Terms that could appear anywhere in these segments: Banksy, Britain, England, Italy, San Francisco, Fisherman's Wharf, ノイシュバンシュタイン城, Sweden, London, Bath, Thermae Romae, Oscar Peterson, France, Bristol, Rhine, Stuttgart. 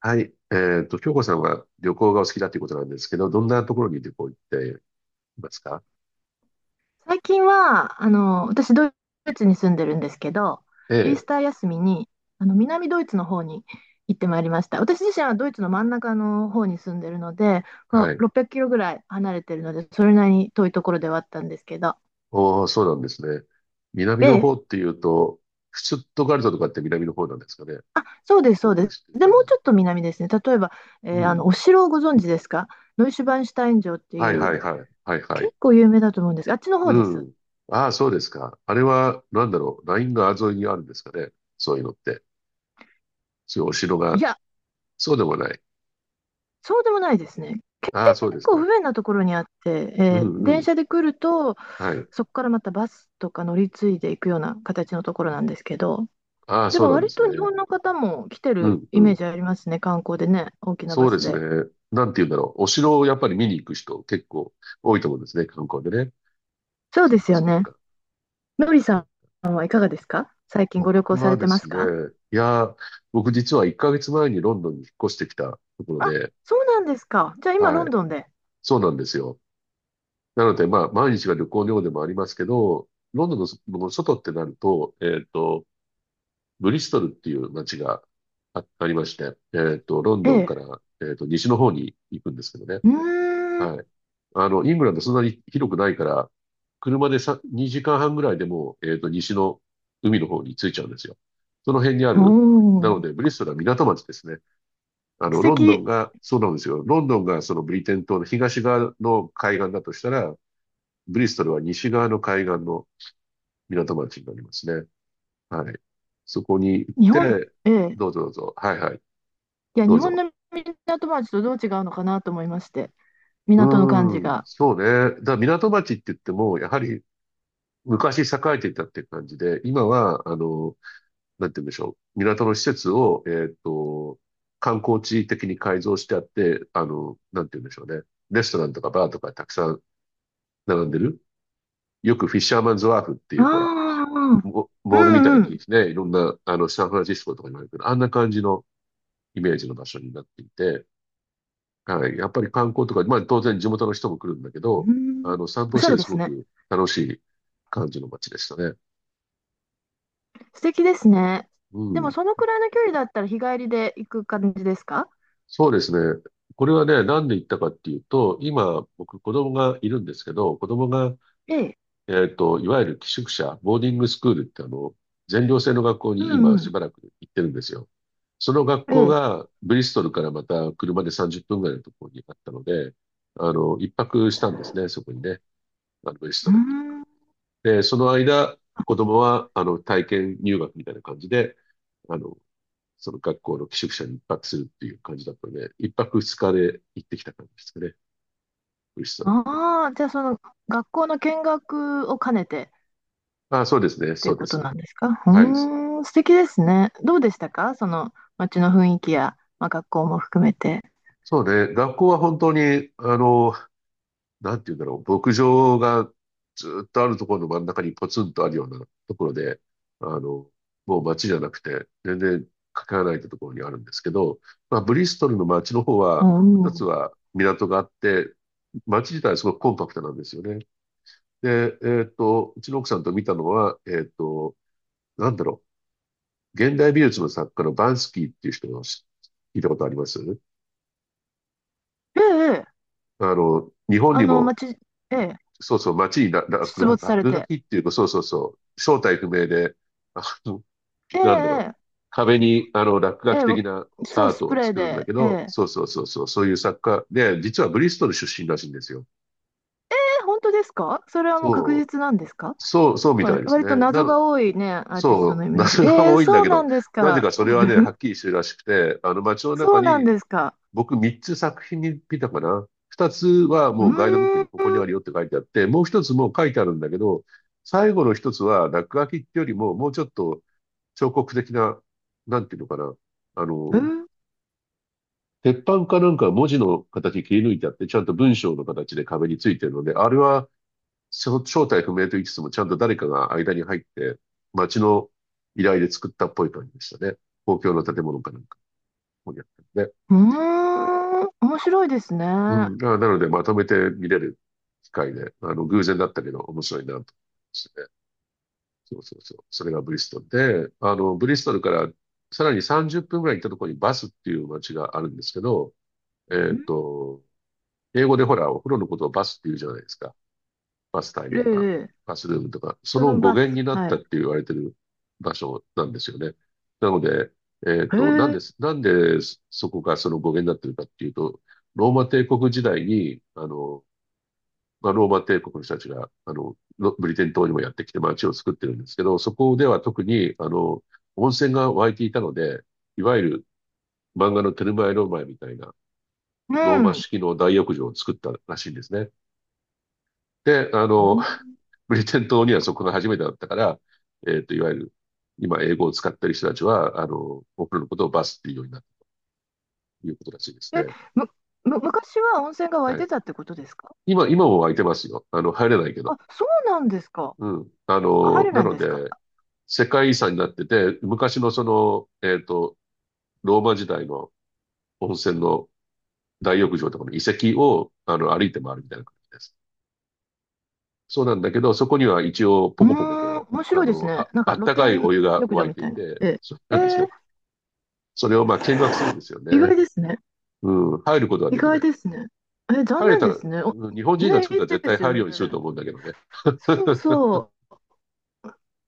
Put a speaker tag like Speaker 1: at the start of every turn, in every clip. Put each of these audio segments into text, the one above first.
Speaker 1: はい。京子さんは旅行がお好きだということなんですけど、どんなところに旅行行っていますか？
Speaker 2: 最近は、私、ドイツに住んでるんですけど、
Speaker 1: え
Speaker 2: イース
Speaker 1: え、
Speaker 2: ター休みに、南ドイツの方に行ってまいりました。私自身はドイツの真ん中の方に住んでるので、ま
Speaker 1: は
Speaker 2: あ、
Speaker 1: い。
Speaker 2: 600キロぐらい離れてるので、それなりに遠いところではあったんですけど。
Speaker 1: おー、そうなんですね。南の
Speaker 2: で、
Speaker 1: 方っていうと、シュツットガルトとかって南の方なんですかね。
Speaker 2: あ、そうです、そう
Speaker 1: 僕の
Speaker 2: です。
Speaker 1: 知ってる
Speaker 2: で、
Speaker 1: 感
Speaker 2: も
Speaker 1: じ
Speaker 2: う
Speaker 1: だ
Speaker 2: ちょっと
Speaker 1: と。
Speaker 2: 南ですね。例えば、
Speaker 1: うん。
Speaker 2: お城をご存知ですか？ノイシュバンシュタイン城って
Speaker 1: は
Speaker 2: い
Speaker 1: い
Speaker 2: う、
Speaker 1: はいはい。はいは
Speaker 2: 結
Speaker 1: い。
Speaker 2: 構有名だと思うんですが、あっちの方
Speaker 1: う
Speaker 2: です。
Speaker 1: ん。ああ、そうですか。あれは、なんだろう。ライン川沿いにあるんですかね。そういうのって。そういうお城
Speaker 2: い
Speaker 1: が。
Speaker 2: や、
Speaker 1: そうでもない。
Speaker 2: そうでもないですね。
Speaker 1: ああ、そうです
Speaker 2: 構
Speaker 1: か。
Speaker 2: 不便なところにあって、
Speaker 1: うんう
Speaker 2: 電
Speaker 1: ん。
Speaker 2: 車で来ると、
Speaker 1: はい。
Speaker 2: そこからまたバスとか乗り継いでいくような形のところなんですけど、
Speaker 1: ああ、
Speaker 2: で
Speaker 1: そう
Speaker 2: も
Speaker 1: なん
Speaker 2: 割
Speaker 1: です
Speaker 2: と日
Speaker 1: ね。
Speaker 2: 本の方も来て
Speaker 1: う
Speaker 2: る
Speaker 1: んう
Speaker 2: イメー
Speaker 1: ん。
Speaker 2: ジありますね、観光でね、大きなバ
Speaker 1: そうで
Speaker 2: ス
Speaker 1: すね。
Speaker 2: で。
Speaker 1: なんて言うんだろう。お城をやっぱり見に行く人結構多いと思うんですね、観光でね。
Speaker 2: そう
Speaker 1: そ
Speaker 2: で
Speaker 1: っ
Speaker 2: す
Speaker 1: か
Speaker 2: よ
Speaker 1: そっ
Speaker 2: ね。
Speaker 1: か。
Speaker 2: のり
Speaker 1: そ
Speaker 2: さ
Speaker 1: う。
Speaker 2: んはいかがですか？最近ご旅
Speaker 1: 僕
Speaker 2: 行さ
Speaker 1: は
Speaker 2: れて
Speaker 1: で
Speaker 2: ます
Speaker 1: す
Speaker 2: か？
Speaker 1: ね、いやー、僕実は1ヶ月前にロンドンに引っ越してきたところ
Speaker 2: あ、
Speaker 1: で、
Speaker 2: そうなんですか。じゃあ今、ロ
Speaker 1: は
Speaker 2: ン
Speaker 1: い。
Speaker 2: ドンで。
Speaker 1: そうなんですよ。なので、まあ、毎日が旅行のようでもありますけど、ロンドンのその外ってなると、ブリストルっていう街がありまして、ロン
Speaker 2: え
Speaker 1: ドン
Speaker 2: え。
Speaker 1: から、西の方に行くんですけどね。
Speaker 2: うーん。
Speaker 1: はい。あの、イングランドそんなに広くないから、車でさ2時間半ぐらいでもう、西の海の方に着いちゃうんですよ。その辺にあ
Speaker 2: お
Speaker 1: る、なの
Speaker 2: ー。
Speaker 1: で、ブリストルは港町ですね。あの、
Speaker 2: 素
Speaker 1: ロンド
Speaker 2: 敵。
Speaker 1: ンが、そうなんですよ。ロンドンがそのブリテン島の東側の海岸だとしたら、ブリストルは西側の海岸の港町になりますね。はい。そこに行っ
Speaker 2: 日本、
Speaker 1: て、
Speaker 2: ええ。
Speaker 1: どうぞどうぞ。はいはい。
Speaker 2: いや、
Speaker 1: ど
Speaker 2: 日
Speaker 1: う
Speaker 2: 本
Speaker 1: ぞ。
Speaker 2: の港町とどう違うのかなと思いまして、
Speaker 1: う
Speaker 2: 港の感じ
Speaker 1: ーん、
Speaker 2: が。
Speaker 1: そうね。だから港町って言っても、やはり昔栄えていたっていう感じで、今は、あの、なんて言うんでしょう。港の施設を、観光地的に改造してあって、なんて言うんでしょうね。レストランとかバーとかたくさん並んでる。よくフィッシャーマンズワーフって
Speaker 2: あ
Speaker 1: いう、ほら、
Speaker 2: あ、うん
Speaker 1: モモールみた
Speaker 2: う
Speaker 1: い
Speaker 2: ん。
Speaker 1: に
Speaker 2: う
Speaker 1: ね、いろんな、サンフランシスコとかにもあるけど、あんな感じのイメージの場所になっていて、はい。やっぱり観光とか、まあ当然地元の人も来るんだけど、
Speaker 2: ん、
Speaker 1: 散
Speaker 2: お
Speaker 1: 歩
Speaker 2: し
Speaker 1: し
Speaker 2: ゃ
Speaker 1: て
Speaker 2: れ
Speaker 1: て
Speaker 2: で
Speaker 1: す
Speaker 2: す
Speaker 1: ご
Speaker 2: ね。
Speaker 1: く楽しい感じの街でしたね。
Speaker 2: 素敵ですね。
Speaker 1: う
Speaker 2: でも、
Speaker 1: ん。
Speaker 2: そのくらいの距離だったら日帰りで行く感じですか？
Speaker 1: そうですね。これはね、なんで言ったかっていうと、今、僕、子供がいるんですけど、子供が、
Speaker 2: ええ。
Speaker 1: いわゆる寄宿舎、ボーディングスクールって、全寮制の学校
Speaker 2: う
Speaker 1: に
Speaker 2: ん
Speaker 1: 今、
Speaker 2: う
Speaker 1: し
Speaker 2: ん。
Speaker 1: ばらく行ってるんですよ。その学
Speaker 2: え
Speaker 1: 校
Speaker 2: え。
Speaker 1: が、ブリストルからまた車で30分ぐらいのところにあったので、一泊したんですね、そこにね、ブリス
Speaker 2: う
Speaker 1: トルに。
Speaker 2: ん。
Speaker 1: で、その間、子供は、体験入学みたいな感じで、あの、その学校の寄宿舎に一泊するっていう感じだったので、一泊二日で行ってきた感じですかね。ブリストル。
Speaker 2: ああ、じゃあ、学校の見学を兼ねてっ
Speaker 1: あ、そうですね。
Speaker 2: てい
Speaker 1: そ
Speaker 2: う
Speaker 1: うで
Speaker 2: こと
Speaker 1: す。
Speaker 2: なんですか？
Speaker 1: はい。
Speaker 2: うーん、素敵ですね。どうでしたか？その街の雰囲気や、まあ、学校も含めて。
Speaker 1: そうね。学校は本当に、あの、なんて言うんだろう。牧場がずっとあるところの真ん中にポツンとあるようなところで、あの、もう街じゃなくて、全然かけらないところにあるんですけど、まあ、ブリストルの街の方
Speaker 2: う
Speaker 1: は、一つ
Speaker 2: ん。
Speaker 1: は港があって、街自体はすごくコンパクトなんですよね。で、うちの奥さんと見たのは、なんだろう、現代美術の作家のバンスキーっていう人の聞いたことあります
Speaker 2: ええ、ええ。
Speaker 1: あの、日本にも、
Speaker 2: 街、ええ、
Speaker 1: そうそう、街に
Speaker 2: 出没され
Speaker 1: 落書
Speaker 2: て。
Speaker 1: きっていうか、そうそうそう、正体不明で、あの、
Speaker 2: え
Speaker 1: なんだろう、
Speaker 2: え、
Speaker 1: 壁に、落書
Speaker 2: ええ、え
Speaker 1: き的な
Speaker 2: え、そ
Speaker 1: ア
Speaker 2: う、
Speaker 1: ー
Speaker 2: ス
Speaker 1: ト
Speaker 2: プ
Speaker 1: を
Speaker 2: レー
Speaker 1: 作るんだ
Speaker 2: で、
Speaker 1: け
Speaker 2: え
Speaker 1: ど、
Speaker 2: え。
Speaker 1: そうそうそうそう、そういう作家で、実はブリストル出身らしいんですよ。
Speaker 2: 本当ですか？それはもう確
Speaker 1: そう、
Speaker 2: 実なんですか？
Speaker 1: そう、そうみ
Speaker 2: ほら
Speaker 1: たいです
Speaker 2: 割と
Speaker 1: ね。
Speaker 2: 謎が多いね、アーティストの
Speaker 1: そ
Speaker 2: イ
Speaker 1: う、
Speaker 2: メージ。
Speaker 1: 謎が多いんだ
Speaker 2: そう
Speaker 1: け
Speaker 2: な
Speaker 1: ど、
Speaker 2: んです
Speaker 1: なぜ
Speaker 2: か。
Speaker 1: かそれはね、はっきりしてるらしくて、あの街の
Speaker 2: そ
Speaker 1: 中
Speaker 2: うなん
Speaker 1: に、
Speaker 2: ですか。
Speaker 1: 僕3つ作品に見たかな。2つは
Speaker 2: う
Speaker 1: もうガイドブック
Speaker 2: ーん、
Speaker 1: にここにあるよって書いてあって、もう一つもう書いてあるんだけど、最後の一つは落書きってよりも、もうちょっと彫刻的な、なんていうのかな。あの、鉄板かなんか文字の形切り抜いてあって、ちゃんと文章の形で壁についてるので、あれはその正体不明と言いつつも、ちゃんと誰かが間に入って、町の依頼で作ったっぽい感じでしたね。公共の建物かなんか、ここにあったので。
Speaker 2: うーん、面白いですね。
Speaker 1: うん。あ、なので、まとめて見れる機会で、偶然だったけど、面白いなと思いましたね。そうそうそう。それがブリストルで、ブリストルからさらに30分ぐらい行ったところにバスっていう街があるんですけど、えっと、英語でほら、お風呂のことをバスって言うじゃないですか。バスタイム
Speaker 2: え
Speaker 1: とか、
Speaker 2: え、
Speaker 1: バスルームとか、そ
Speaker 2: そ
Speaker 1: の
Speaker 2: の
Speaker 1: 語
Speaker 2: バス。
Speaker 1: 源になっ
Speaker 2: は
Speaker 1: た
Speaker 2: い。
Speaker 1: って言われてる場所なんですよね。なので、
Speaker 2: へえ、
Speaker 1: なんでそこがその語源になってるかっていうと、ローマ帝国時代に、まあ、ローマ帝国の人たちが、ロブリテン島にもやってきて街を作ってるんですけど、そこでは特に、温泉が湧いていたので、いわゆる漫画のテルマエ・ローマエみたいな
Speaker 2: う
Speaker 1: ローマ
Speaker 2: ん。
Speaker 1: 式の大浴場を作ったらしいんですね。で、
Speaker 2: うん。
Speaker 1: ブリテン島にはそこが初めてだったから、いわゆる、今英語を使ってる人たちは、僕らのことをバスっていうようになったということらしいです
Speaker 2: え、
Speaker 1: ね。
Speaker 2: む、む、昔は温泉が湧い
Speaker 1: は
Speaker 2: て
Speaker 1: い。
Speaker 2: たってことですか？
Speaker 1: 今も空いてますよ。あの、入れないけど。
Speaker 2: あ、そうなんですか。
Speaker 1: うん。
Speaker 2: あ、入れな
Speaker 1: な
Speaker 2: いん
Speaker 1: の
Speaker 2: ですか。
Speaker 1: で、世界遺産になってて、昔のその、ローマ時代の温泉の大浴場とかの遺跡を、歩いて回るみたいな感じです。そうなんだけど、そこには一応、
Speaker 2: う
Speaker 1: ポコポコ
Speaker 2: ーん、
Speaker 1: と、
Speaker 2: 面白いですね。なん
Speaker 1: あ
Speaker 2: か
Speaker 1: っ
Speaker 2: 露
Speaker 1: たかいお
Speaker 2: 天
Speaker 1: 湯が
Speaker 2: 浴場
Speaker 1: 沸い
Speaker 2: み
Speaker 1: て
Speaker 2: た
Speaker 1: い
Speaker 2: いな。
Speaker 1: て、
Speaker 2: え
Speaker 1: そう
Speaker 2: え、
Speaker 1: なんですよ。
Speaker 2: ー、
Speaker 1: それをまあ見学するんですよ
Speaker 2: 意
Speaker 1: ね。
Speaker 2: 外ですね。
Speaker 1: うん、入ることは
Speaker 2: 意
Speaker 1: でき
Speaker 2: 外
Speaker 1: ない。
Speaker 2: ですね。残
Speaker 1: 入れ
Speaker 2: 念
Speaker 1: た
Speaker 2: で
Speaker 1: ら、
Speaker 2: すね。
Speaker 1: うん、日本人が
Speaker 2: ね、い
Speaker 1: 作ったら
Speaker 2: い
Speaker 1: 絶
Speaker 2: で
Speaker 1: 対
Speaker 2: す
Speaker 1: 入
Speaker 2: よ
Speaker 1: るよ
Speaker 2: ね。
Speaker 1: うにすると思うんだけどね。
Speaker 2: そう そう。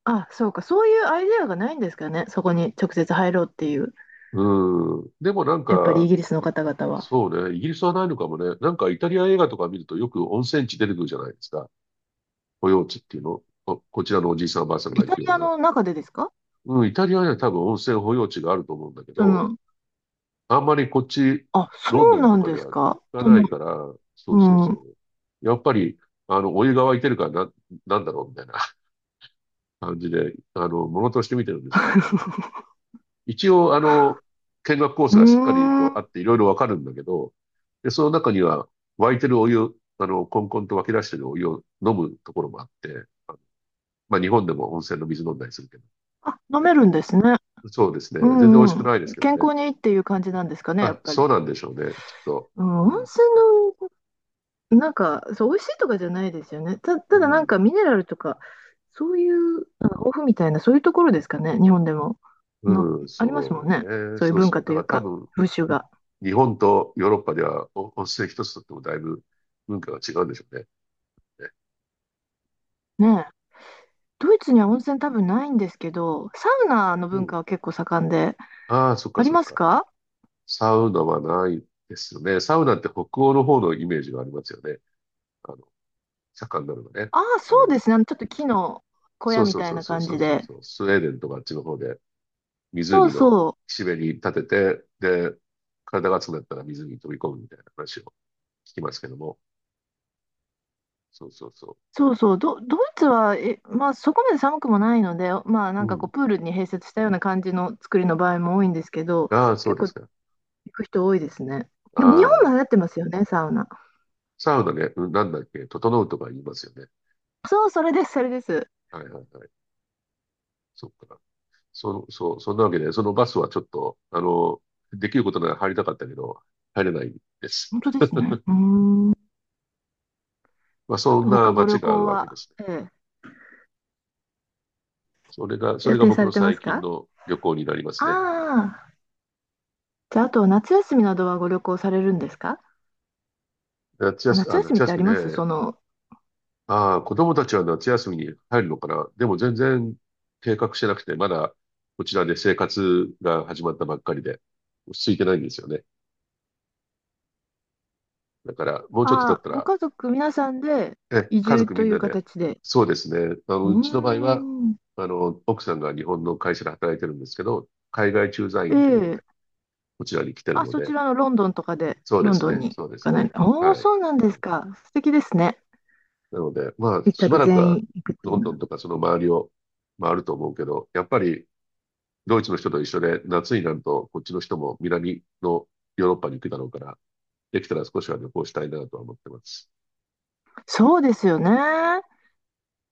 Speaker 2: あ、そうか。そういうアイデアがないんですかね。そこに直接入ろうっていう。
Speaker 1: うん。でもなん
Speaker 2: やっぱりイ
Speaker 1: か、
Speaker 2: ギリスの
Speaker 1: い
Speaker 2: 方々は。
Speaker 1: そうね、イギリスはないのかもね。なんかイタリア映画とか見るとよく温泉地出てくるじゃないですか。保養地っていうの。こちらのおじいさんおばあさんが
Speaker 2: イ
Speaker 1: 行
Speaker 2: タ
Speaker 1: く
Speaker 2: リ
Speaker 1: よ
Speaker 2: ア
Speaker 1: うな。
Speaker 2: の中でですか？
Speaker 1: うん、イタリアには多分温泉保養地があると思うんだけ
Speaker 2: そ
Speaker 1: ど、
Speaker 2: の、
Speaker 1: あんまりこっち、
Speaker 2: あ、
Speaker 1: ロン
Speaker 2: そ
Speaker 1: ド
Speaker 2: う
Speaker 1: ン
Speaker 2: な
Speaker 1: と
Speaker 2: ん
Speaker 1: か
Speaker 2: で
Speaker 1: で
Speaker 2: す
Speaker 1: は聞
Speaker 2: か。
Speaker 1: かないから、そう
Speaker 2: う
Speaker 1: そうそ
Speaker 2: ん。
Speaker 1: う。やっぱり、お湯が沸いてるからな、なんだろうみたいな 感じで、ものとして見てるんでしょうね。一応、見学コー
Speaker 2: う
Speaker 1: スがしっかり
Speaker 2: ー
Speaker 1: とあ
Speaker 2: ん。
Speaker 1: って、いろいろわかるんだけど、で、その中には、沸いてるお湯、コンコンと湧き出してるお湯を飲むところもあって、まあ、日本でも温泉の水飲んだりするけど、
Speaker 2: あ、飲め
Speaker 1: ね、
Speaker 2: るんですね。
Speaker 1: そうですね。
Speaker 2: う
Speaker 1: 全然美味
Speaker 2: ん
Speaker 1: しく
Speaker 2: うん。
Speaker 1: ないですけど
Speaker 2: 健
Speaker 1: ね。
Speaker 2: 康にいいっていう感じなんですかね、やっ
Speaker 1: あ、
Speaker 2: ぱり。
Speaker 1: そうなんでしょうね、きっと。
Speaker 2: うん、
Speaker 1: う
Speaker 2: 温
Speaker 1: ん、
Speaker 2: 泉なんか、そう、美味しいとかじゃないですよね。た、
Speaker 1: う
Speaker 2: ただなん
Speaker 1: ん、
Speaker 2: かミネラルとか、そういう、なんかオフみたいな、そういうところですかね、日本でも。の、
Speaker 1: うん、
Speaker 2: ありますも
Speaker 1: そ
Speaker 2: んね。
Speaker 1: うね。
Speaker 2: そういう
Speaker 1: そう
Speaker 2: 文
Speaker 1: そ
Speaker 2: 化
Speaker 1: う。だ
Speaker 2: とい
Speaker 1: から
Speaker 2: う
Speaker 1: 多
Speaker 2: か、
Speaker 1: 分、
Speaker 2: 風習が。
Speaker 1: 日本とヨーロッパではお温泉一つとってもだいぶ文化が違うんでしょうね。ね
Speaker 2: ねえ。ドイツには温泉多分ないんですけど、サウナの
Speaker 1: う
Speaker 2: 文
Speaker 1: ん。
Speaker 2: 化は結構盛んで、
Speaker 1: ああ、そっ
Speaker 2: あ
Speaker 1: か
Speaker 2: り
Speaker 1: そっ
Speaker 2: ます
Speaker 1: か。
Speaker 2: か？
Speaker 1: サウナはないですよね。サウナって北欧の方のイメージがありますよね。あの、盛んなのがね。
Speaker 2: ああ、
Speaker 1: あ
Speaker 2: そう
Speaker 1: の、
Speaker 2: ですね。ちょっと木の小
Speaker 1: そ
Speaker 2: 屋
Speaker 1: う
Speaker 2: み
Speaker 1: そう
Speaker 2: たい
Speaker 1: そう
Speaker 2: な
Speaker 1: そう
Speaker 2: 感
Speaker 1: そう
Speaker 2: じ
Speaker 1: そう
Speaker 2: で。
Speaker 1: そう、スウェーデンとかあっちの方で
Speaker 2: そう
Speaker 1: 湖の
Speaker 2: そう。
Speaker 1: 岸辺に立てて、で、体が熱くなったら水に飛び込むみたいな話を聞きますけども。そうそうそ
Speaker 2: そうそう、ドイツは、まあ、そこまで寒くもないので、まあ、な
Speaker 1: う。
Speaker 2: ん
Speaker 1: う
Speaker 2: かこう、
Speaker 1: ん。
Speaker 2: プールに併設したような感じの作りの場合も多いんですけど、
Speaker 1: ああ、そう
Speaker 2: 結
Speaker 1: で
Speaker 2: 構
Speaker 1: す
Speaker 2: 行
Speaker 1: か。
Speaker 2: く人多いですね。でも、日
Speaker 1: あ
Speaker 2: 本も
Speaker 1: あ、
Speaker 2: 流行ってますよね、サウナ。
Speaker 1: サウナね、うんなんだっけ、整うとか言いますよね。
Speaker 2: そう、それです、それです。
Speaker 1: はいはいはい。そっか。その、そう、そんなわけで、そのバスはちょっと、できることなら入りたかったけど、入れないです。
Speaker 2: 本当ですね。うーん。
Speaker 1: まあ、
Speaker 2: あ
Speaker 1: そん
Speaker 2: と、
Speaker 1: な
Speaker 2: 他ご
Speaker 1: 街
Speaker 2: 旅
Speaker 1: があ
Speaker 2: 行
Speaker 1: るわけで
Speaker 2: は、
Speaker 1: すね。それが、そ
Speaker 2: 予
Speaker 1: れが
Speaker 2: 定
Speaker 1: 僕
Speaker 2: さ
Speaker 1: の
Speaker 2: れてま
Speaker 1: 最
Speaker 2: す
Speaker 1: 近
Speaker 2: か？
Speaker 1: の旅行になりますね。
Speaker 2: ああー、じゃあ、あと、夏休みなどはご旅行されるんですか？
Speaker 1: 夏
Speaker 2: あ、
Speaker 1: 休み、
Speaker 2: 夏
Speaker 1: あ、
Speaker 2: 休み
Speaker 1: 夏
Speaker 2: ってあ
Speaker 1: 休み
Speaker 2: ります
Speaker 1: ね。ああ、子供たちは夏休みに入るのかな。でも全然計画してなくて、まだこちらで生活が始まったばっかりで、落ち着いてないんですよね。だから、もうちょっと経っ
Speaker 2: ああ、
Speaker 1: た
Speaker 2: ご
Speaker 1: ら
Speaker 2: 家族皆さんで
Speaker 1: え、
Speaker 2: 移
Speaker 1: 家
Speaker 2: 住
Speaker 1: 族み
Speaker 2: と
Speaker 1: ん
Speaker 2: いう
Speaker 1: なで。
Speaker 2: 形で。
Speaker 1: そうですね。
Speaker 2: う
Speaker 1: う
Speaker 2: ー
Speaker 1: ちの場合は、
Speaker 2: ん。
Speaker 1: 奥さんが日本の会社で働いてるんですけど、海外駐在員ということ
Speaker 2: え
Speaker 1: で、
Speaker 2: え、
Speaker 1: こちらに来てる
Speaker 2: あ、
Speaker 1: の
Speaker 2: そち
Speaker 1: で、
Speaker 2: らのロンドンとかで、
Speaker 1: そうで
Speaker 2: ロン
Speaker 1: す
Speaker 2: ドン
Speaker 1: ね。
Speaker 2: に
Speaker 1: そうです
Speaker 2: かな
Speaker 1: ね。
Speaker 2: り。お
Speaker 1: は
Speaker 2: お、
Speaker 1: い。
Speaker 2: そうなんで
Speaker 1: はい。
Speaker 2: すか。素敵ですね。
Speaker 1: なので、まあ、
Speaker 2: 一
Speaker 1: し
Speaker 2: 家
Speaker 1: ば
Speaker 2: で
Speaker 1: らく
Speaker 2: 全
Speaker 1: は、
Speaker 2: 員行くってい
Speaker 1: ロ
Speaker 2: う
Speaker 1: ン
Speaker 2: の
Speaker 1: ドン
Speaker 2: は。
Speaker 1: とかその周りを回ると思うけど、やっぱり、ドイツの人と一緒で、夏になると、こっちの人も南のヨーロッパに行くだろうから、できたら少しは旅行したいなとは思ってます。
Speaker 2: そうですよね。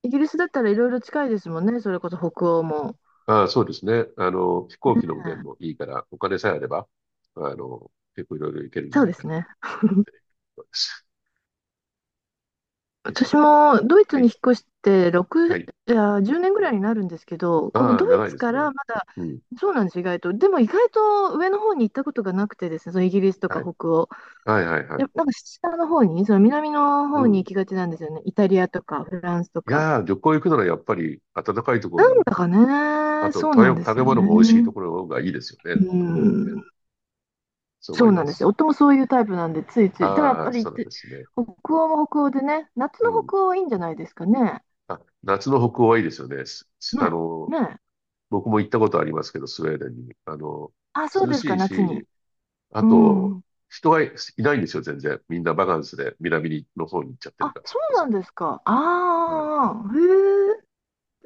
Speaker 2: イギリスだったらいろいろ近いですもんね。それこそ北欧も。
Speaker 1: ああ、そうですね。飛行
Speaker 2: う
Speaker 1: 機の便
Speaker 2: ん、
Speaker 1: もいいから、お金さえあれば、結構いろいろいけるんじゃ
Speaker 2: そう
Speaker 1: な
Speaker 2: で
Speaker 1: いか
Speaker 2: す
Speaker 1: な
Speaker 2: ね。
Speaker 1: と思っているところです。よいしょ。
Speaker 2: 私もドイ
Speaker 1: は
Speaker 2: ツに
Speaker 1: い。
Speaker 2: 引っ越して6、
Speaker 1: はい。
Speaker 2: いや、10年ぐらいになるんですけど、この
Speaker 1: ああ、
Speaker 2: ドイ
Speaker 1: 長いで
Speaker 2: ツ
Speaker 1: す
Speaker 2: か
Speaker 1: ね。
Speaker 2: らまだ、
Speaker 1: うん。
Speaker 2: そうなんです、意外と。でも意外と上の方に行ったことがなくてですね、そのイギリスとか
Speaker 1: はい。
Speaker 2: 北欧。
Speaker 1: はい、はい、はい。
Speaker 2: やっぱなんか下の方に、その南の
Speaker 1: う
Speaker 2: 方に
Speaker 1: ん。
Speaker 2: 行
Speaker 1: い
Speaker 2: きがちなんですよね。イタリアとかフランスとか。
Speaker 1: やー、旅行行くならやっぱり暖かいところ
Speaker 2: なん
Speaker 1: に、
Speaker 2: だか
Speaker 1: あ
Speaker 2: ね、
Speaker 1: と
Speaker 2: そうなんで
Speaker 1: 食
Speaker 2: す
Speaker 1: べ
Speaker 2: よ
Speaker 1: 物も美味しいと
Speaker 2: ね。
Speaker 1: ころの方がいいですよね。
Speaker 2: う
Speaker 1: やっぱりね。
Speaker 2: ん、
Speaker 1: そう思
Speaker 2: そ
Speaker 1: い
Speaker 2: うな
Speaker 1: ま
Speaker 2: んですよ。
Speaker 1: す。
Speaker 2: 夫もそういうタイプなんで、ついつい。でもやっ
Speaker 1: あ
Speaker 2: ぱ
Speaker 1: あ、
Speaker 2: り、
Speaker 1: そうなんですね。
Speaker 2: 北欧も北欧でね、夏
Speaker 1: う
Speaker 2: の
Speaker 1: ん。
Speaker 2: 北欧はいいんじゃないですかね。
Speaker 1: あ、夏の北欧はいいですよね。
Speaker 2: ね、ね。
Speaker 1: 僕も行ったことありますけど、スウェーデンに。
Speaker 2: あ、そう
Speaker 1: 涼
Speaker 2: ですか、
Speaker 1: しい
Speaker 2: 夏に。
Speaker 1: し、あ
Speaker 2: う
Speaker 1: と、
Speaker 2: ん。
Speaker 1: 人がいないんですよ、全然。みんなバカンスで南の方に行っちゃってる
Speaker 2: あ、
Speaker 1: から、そ
Speaker 2: そ
Speaker 1: れこ
Speaker 2: うなん
Speaker 1: そ。
Speaker 2: ですか。
Speaker 1: はい。
Speaker 2: ああ、へ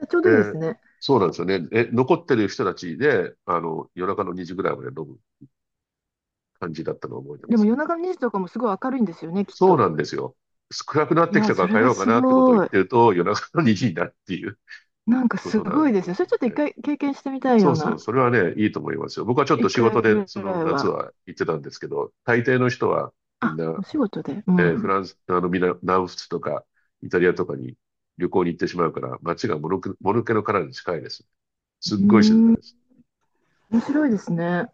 Speaker 2: え、ちょうどいいです
Speaker 1: で、
Speaker 2: ね。
Speaker 1: そうなんですよね。え、残ってる人たちで、夜中の2時ぐらいまで飲む感じだったのを覚えてま
Speaker 2: でも
Speaker 1: すね。
Speaker 2: 夜中の2時とかもすごい明るいんですよね、きっ
Speaker 1: そう
Speaker 2: と。
Speaker 1: なんですよ。暗くなっ
Speaker 2: い
Speaker 1: てき
Speaker 2: やー、
Speaker 1: たか
Speaker 2: そ
Speaker 1: ら
Speaker 2: れ
Speaker 1: 帰ろ
Speaker 2: が
Speaker 1: うか
Speaker 2: す
Speaker 1: なってことを言
Speaker 2: ご
Speaker 1: っ
Speaker 2: い。
Speaker 1: てると、夜中の2時になるっていう
Speaker 2: なんか
Speaker 1: こ
Speaker 2: す
Speaker 1: とな
Speaker 2: ごい
Speaker 1: ん
Speaker 2: です
Speaker 1: で
Speaker 2: よ、そ
Speaker 1: す
Speaker 2: れ、
Speaker 1: よ
Speaker 2: ちょっと一
Speaker 1: ね。
Speaker 2: 回経験してみたい
Speaker 1: そ
Speaker 2: よ
Speaker 1: う
Speaker 2: う
Speaker 1: そう、
Speaker 2: な。
Speaker 1: それはね、いいと思いますよ。僕はちょっ
Speaker 2: 一
Speaker 1: と仕事
Speaker 2: 回
Speaker 1: で、
Speaker 2: ぐ
Speaker 1: その
Speaker 2: らい
Speaker 1: 夏
Speaker 2: は。
Speaker 1: は行ってたんですけど、大抵の人はみん
Speaker 2: あ、
Speaker 1: な
Speaker 2: お仕事で。う
Speaker 1: フ
Speaker 2: ん。
Speaker 1: ランス、南仏とか、イタリアとかに旅行に行ってしまうから、街がもぬけの殻に近いです。すっ
Speaker 2: うー
Speaker 1: ごい静か
Speaker 2: ん、
Speaker 1: です。
Speaker 2: 面白いですね。